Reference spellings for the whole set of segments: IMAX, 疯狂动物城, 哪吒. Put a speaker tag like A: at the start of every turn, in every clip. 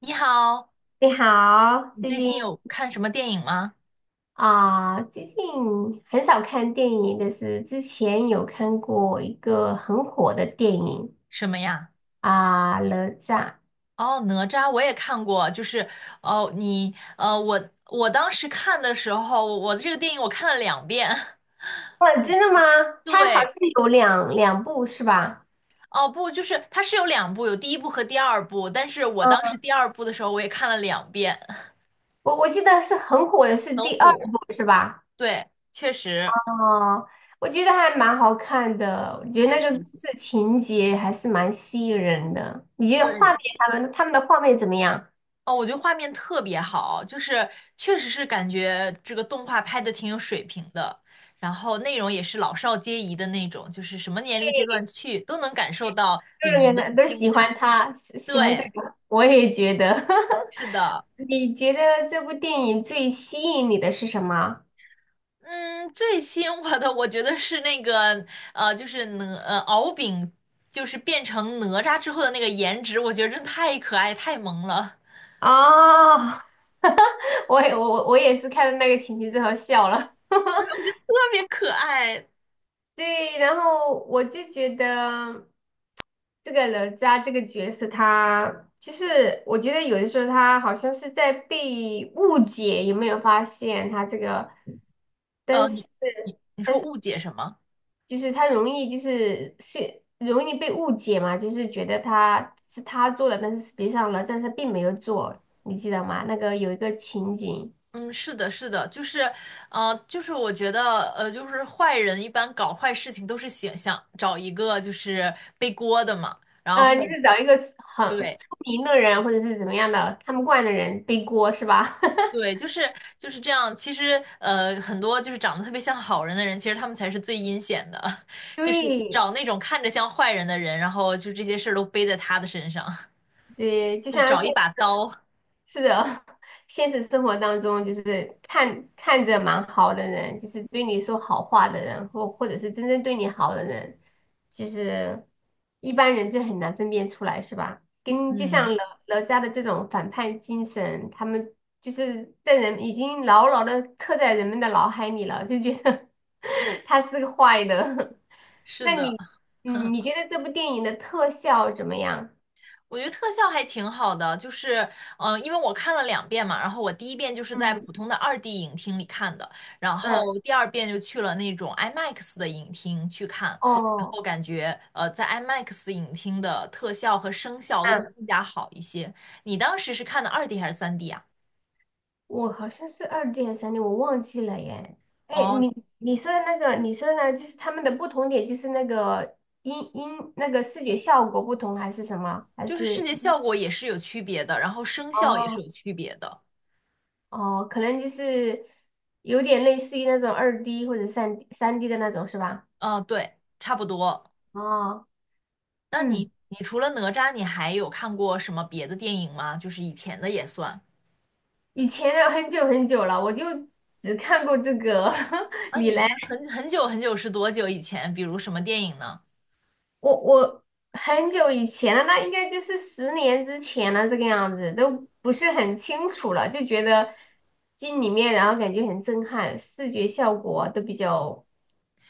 A: 你好，
B: 你好，
A: 你最近有看什么电影吗？
B: 最近很少看电影，但是之前有看过一个很火的电影。
A: 什么呀？
B: 啊，哪吒》。
A: 哦，哪吒我也看过，就是哦，你我当时看的时候，我这个电影我看了两遍。
B: 哇，真的吗？它好
A: 对，
B: 像有两部是吧？
A: 哦不，就是它是有两部，有第一部和第二部，但是我当时
B: 嗯，
A: 第二部的时候我也看了两遍，
B: 我记得是很火的 是
A: 很
B: 第二
A: 火。
B: 部是吧？
A: 对，确实，
B: 哦，我觉得还蛮好看的，我觉得
A: 确
B: 那
A: 实，
B: 个故事情节还是蛮吸引人的。你觉得画
A: 对，
B: 面他们他们的画面怎么样？
A: 哦，我觉得画面特别好，就是确实是感觉这个动画拍的挺有水平的，然后内容也是老少皆宜的那种，就是什么年龄阶段去都能感受到里面
B: 各个
A: 的
B: 男都
A: 精
B: 喜
A: 彩。
B: 欢他，喜欢这
A: 对，
B: 个，我也觉得。
A: 是的，
B: 你觉得这部电影最吸引你的是什么？
A: 嗯，最吸引我的我觉得是那个就是敖丙，就是变成哪吒之后的那个颜值，我觉得真的太可爱太萌了，
B: 哦，我也是看到那个情节之后笑了。
A: 对，我觉得特别可爱。
B: 对，然后我就觉得这个哪吒这个角色他，就是我觉得有的时候他好像是在被误解，有没有发现他这个？但
A: 你
B: 是，
A: 你
B: 但
A: 说
B: 是。
A: 误解什么？
B: 就是他容易就是容易被误解嘛，就是觉得他是他做的，但是实际上呢，但是他并没有做，你记得吗？那个有一个情景。
A: 嗯，是的，是的，就是，就是我觉得，就是坏人一般搞坏事情都是想找一个就是背锅的嘛，然后
B: 啊，你是找一个很
A: 对
B: 出名的人或者是怎么样的看不惯的人背锅是吧？
A: 对，就是这样。其实，很多就是长得特别像好人的人，其实他们才是最阴险的，就是
B: 对，
A: 找那种看着像坏人的人，然后就这些事儿都背在他的身上，
B: 对，就
A: 就是
B: 像现
A: 找一
B: 实
A: 把
B: 中
A: 刀。
B: 是的，现实生活当中就是看着蛮好的人，就是对你说好话的人，或者是真正对你好的人，其实一般人就很难分辨出来，是吧？跟就
A: 嗯，
B: 像哪吒的这种反叛精神，他们就是在人已经牢牢的刻在人们的脑海里了，就觉得 他是个坏的。
A: 是
B: 那
A: 的。
B: 你，嗯，你觉得这部电影的特效怎么样？
A: 我觉得特效还挺好的，就是，因为我看了两遍嘛，然后我第一遍就是在
B: 嗯
A: 普通的二 d 影厅里看的，然后
B: 嗯。
A: 第二遍就去了那种 IMAX 的影厅去看，然
B: 哦，
A: 后感觉，在 IMAX 影厅的特效和声效都会
B: 嗯，
A: 更加好一些。你当时是看的二 d 还是3D 啊？
B: 我好像是二 D 还是三 D，我忘记了耶。哎，
A: 哦，
B: 你说的那个，你说的呢，就是他们的不同点，就是那个那个视觉效果不同，还是什么？还
A: 就是视
B: 是
A: 觉效果也是有区别的，然后声效也是
B: 哦。
A: 有区别的。
B: 哦，可能就是有点类似于那种二 D 或者三 D 的那种，是吧？
A: 嗯、对，差不多。
B: 哦，
A: 那
B: 嗯，
A: 你，你除了哪吒，你还有看过什么别的电影吗？就是以前的也算。
B: 以前的很久很久了，我就只看过这个。
A: 啊，
B: 你
A: 以
B: 嘞？
A: 前很久很久是多久以前？比如什么电影呢？
B: 我很久以前了，那应该就是10年之前了，这个样子都不是很清楚了，就觉得进里面，然后感觉很震撼，视觉效果都比较，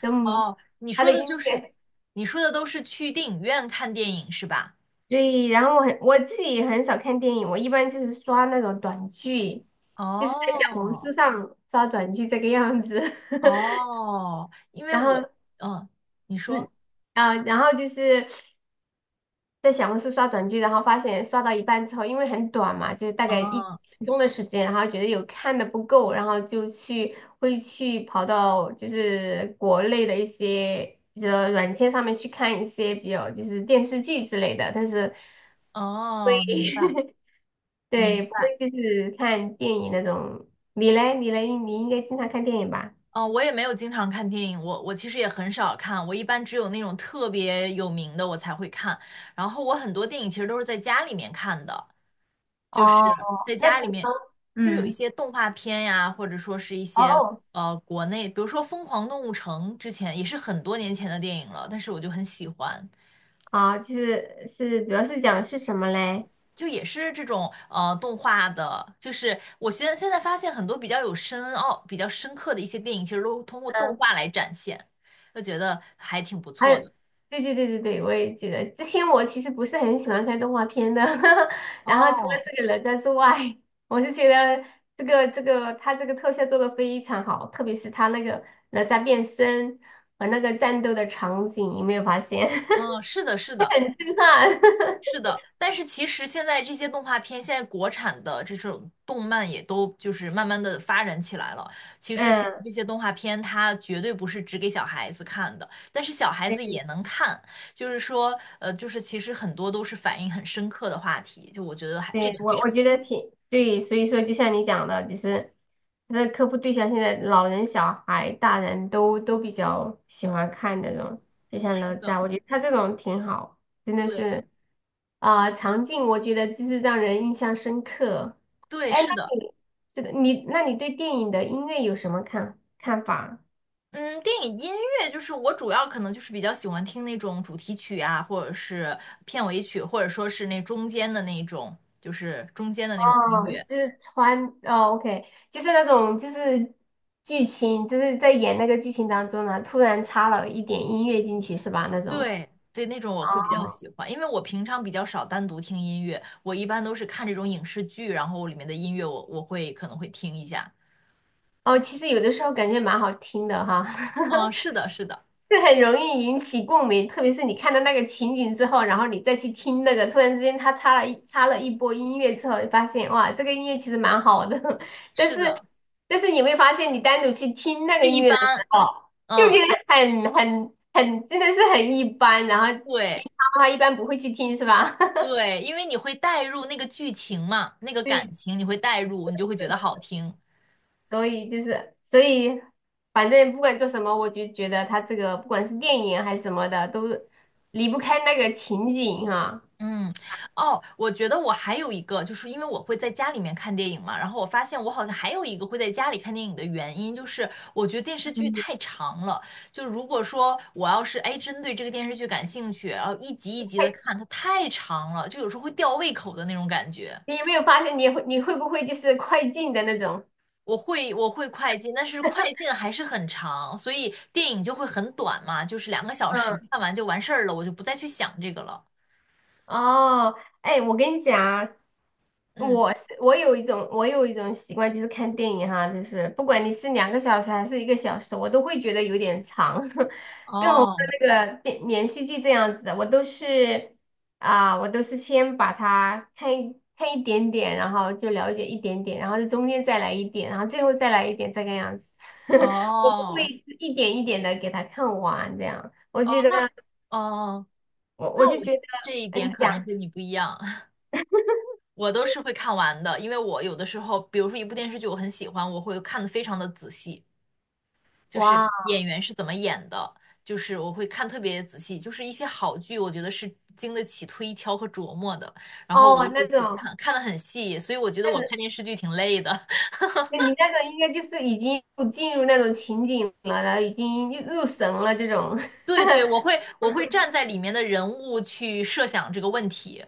B: 都
A: 哦，你
B: 他
A: 说
B: 的
A: 的
B: 音
A: 就是，
B: 乐。
A: 你说的都是去电影院看电影是吧？
B: 对，然后我自己也很少看电影，我一般就是刷那种短剧，就是在小红书
A: 哦
B: 上刷短剧这个样子。
A: 哦，因为
B: 然后
A: 我，嗯，你
B: 嗯
A: 说，
B: 然后就是。在小红书刷短剧，然后发现刷到一半之后，因为很短嘛，就是大概一
A: 哦
B: 分钟的时间，然后觉得有看的不够，然后就去会去跑到就是国内的一些比较软件上面去看一些比较就是电视剧之类的，但是
A: 哦，明白明
B: 对不
A: 白。
B: 会就是看电影那种。你应该经常看电影吧？
A: 嗯，我也没有经常看电影，我其实也很少看，我一般只有那种特别有名的我才会看。然后我很多电影其实都是在家里面看的，就是
B: 哦，
A: 在
B: 那
A: 家
B: 挺
A: 里面，就有一
B: 嗯。
A: 些动画片呀，或者说是一些
B: 哦。
A: 国内，比如说《疯狂动物城》，之前也是很多年前的电影了，但是我就很喜欢。
B: 啊，就是主要是讲是什么嘞？
A: 就也是这种动画的，就是我现在发现很多比较有深奥、比较深刻的一些电影，其实都通过动
B: 嗯。
A: 画来展现，就觉得还挺不
B: 还有，
A: 错的。
B: 对对对对对，我也记得。之前我其实不是很喜欢看动画片的，然后除了
A: 哦，
B: 这个哪吒之外，我是觉得这个这个他这个特效做的非常好，特别是他那个哪吒变身和那个战斗的场景，有没有发现？
A: 嗯，是的，是的，
B: 震撼！
A: 是的，但是其实现在这些动画片，现在国产的这种动漫也都就是慢慢的发展起来了。其实
B: 嗯，
A: 这些动画片它绝对不是只给小孩子看的，但是小孩子也
B: 对
A: 能看。就是说，就是其实很多都是反映很深刻的话题，就我觉得还这
B: 对，
A: 点非
B: 我
A: 常
B: 我觉得挺对，所以说就像你讲的，就是他的客户对象现在老人、小孩、大人都比较喜欢看那种，就像
A: 值
B: 哪
A: 得。
B: 吒，我觉得他这种挺好，真的
A: 对
B: 是场景我觉得就是让人印象深刻。
A: 对，
B: 哎，那
A: 是的。
B: 你那你对电影的音乐有什么看法？
A: 嗯，电影音乐就是我主要可能就是比较喜欢听那种主题曲啊，或者是片尾曲，或者说是那中间的那种，就是中间的那种音
B: 哦，
A: 乐。
B: 就是OK，就是那种就是剧情，就是在演那个剧情当中呢，突然插了一点音乐进去是吧？那种
A: 对对，那种我会比较
B: 哦。
A: 喜欢，因为我平常比较少单独听音乐，我一般都是看这种影视剧，然后里面的音乐我会可能会听一下。
B: 哦，其实有的时候感觉蛮好听的哈，
A: 嗯，是的，是的，
B: 这很容易引起共鸣，特别是你看到那个情景之后，然后你再去听那个，突然之间他插了一波音乐之后，你发现哇，这个音乐其实蛮好的，但
A: 是的，
B: 是但是你会发现，你单独去听那个
A: 就
B: 音
A: 一
B: 乐的时
A: 般。
B: 候，就觉
A: 嗯，
B: 得很真的是很一般，然后
A: 对
B: 平常的话一般不会去听，是吧？
A: 对，因为你会带入那个剧情嘛，那个感
B: 对
A: 情你会带入，你就会觉得好
B: 的，
A: 听。
B: 所以就是所以，反正不管做什么，我就觉得他这个不管是电影还是什么的，都离不开那个情景哈。
A: 嗯，哦，我觉得我还有一个，就是因为我会在家里面看电影嘛，然后我发现我好像还有一个会在家里看电影的原因，就是我觉得电视剧
B: 嗯。
A: 太长了，就如果说我要是哎针对这个电视剧感兴趣，然后一集一集的看，它太长了，就有时候会吊胃口的那种感觉。
B: 你有没有发现你会不会就是快进的那种？
A: 我会快进，但是快进还是很长，所以电影就会很短嘛，就是2个小时
B: 嗯。
A: 看完就完事儿了，我就不再去想这个了。
B: 哦，哎，我跟你讲啊，
A: 嗯，
B: 我是我有一种我有一种习惯，就是看电影哈，就是不管你是2个小时还是1个小时，我都会觉得有点长，更何况
A: 哦
B: 那个电连续剧这样子的，我都是我都是先把它看一点点，然后就了解一点点，然后在中间再来一点，然后最后再来一点，这个样子。我不会
A: 哦
B: 一点一点的给它看完这样，我
A: 哦
B: 觉得
A: 哦。
B: 我
A: 那
B: 就
A: 我
B: 觉得。
A: 这一
B: 哎，你
A: 点可能
B: 讲。
A: 跟你不一样，我都是会看完的，因为我有的时候，比如说一部电视剧我很喜欢，我会看的非常的仔细，就是
B: 哇。
A: 演员是怎么演的，就是我会看特别仔细，就是一些好剧，我觉得是经得起推敲和琢磨的，然后我就
B: 哦，
A: 会去看，看得很细，所以我觉得
B: 那
A: 我
B: 种，
A: 看电视剧挺累的。
B: 那你那种应该就是已经进入那种情景了，然后已经入神了这种。
A: 对，我会站在里面的人物去设想这个问题，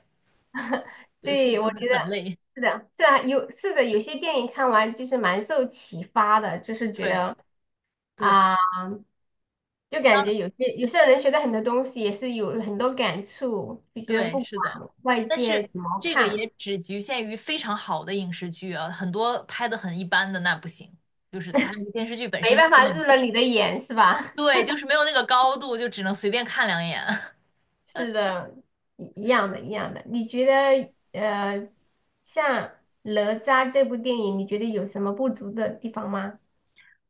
A: 对，所以
B: 对，
A: 就
B: 我
A: 会
B: 觉得
A: 很累，
B: 是的，是啊，有是的，有些电影看完就是蛮受启发的，就是觉
A: 对
B: 得
A: 对。
B: 啊、就感觉有些人学的很多东西也是有很多感触，就觉得
A: 对，
B: 不
A: 是
B: 管
A: 的，
B: 外
A: 但
B: 界
A: 是
B: 怎么
A: 这个
B: 看，
A: 也只局限于非常好的影视剧啊，很多拍的很一般的那不行，就是它电视剧本
B: 没
A: 身
B: 办
A: 根
B: 法入
A: 本
B: 了你的眼，是吧？
A: 对，就是没有那个高度，就只能随便看两眼。
B: 是的，一样的，一样的。你觉得呃，像哪吒这部电影，你觉得有什么不足的地方吗？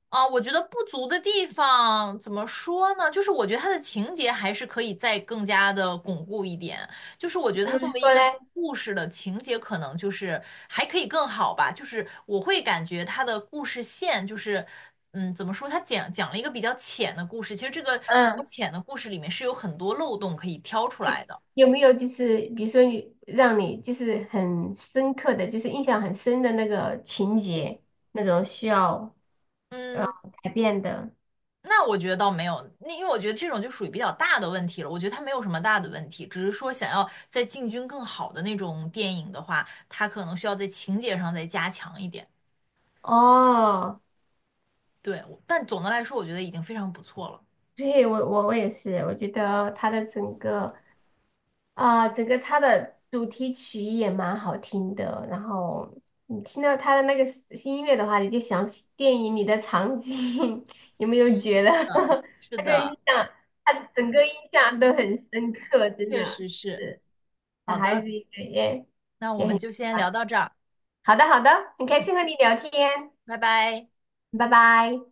A: 啊，我觉得不足的地方怎么说呢？就是我觉得它的情节还是可以再更加的巩固一点。就是我觉得它
B: 就是
A: 作为一
B: 说嘞，
A: 个故事的情节，可能就是还可以更好吧。就是我会感觉它的故事线就是，嗯，怎么说？它讲了一个比较浅的故事。其实这个比较
B: 嗯，
A: 浅的故事里面是有很多漏洞可以挑出来的。
B: 有没有就是比如说你让你就是很深刻的，就是印象很深的那个情节，那种需要呃
A: 嗯。
B: 改变的？
A: 那我觉得倒没有，那因为我觉得这种就属于比较大的问题了。我觉得它没有什么大的问题，只是说想要在进军更好的那种电影的话，它可能需要在情节上再加强一点。
B: 哦，
A: 对，我但总的来说，我觉得已经非常不错了。
B: 对，我也是，我觉得它的整个。啊，整个它的主题曲也蛮好听的，然后你听到它的那个新音乐的话，你就想起电影里的场景，有没有觉得
A: 嗯，是
B: 那个
A: 的，
B: 印象，它整个印象都很深刻，真
A: 确
B: 的
A: 实是。
B: 是小
A: 好
B: 孩
A: 的，
B: 子也也
A: 那我
B: 也很
A: 们
B: 喜
A: 就先聊
B: 欢。
A: 到这儿。
B: 好的，好的，很开
A: 嗯，
B: 心和你聊天，
A: 拜拜。
B: 拜拜。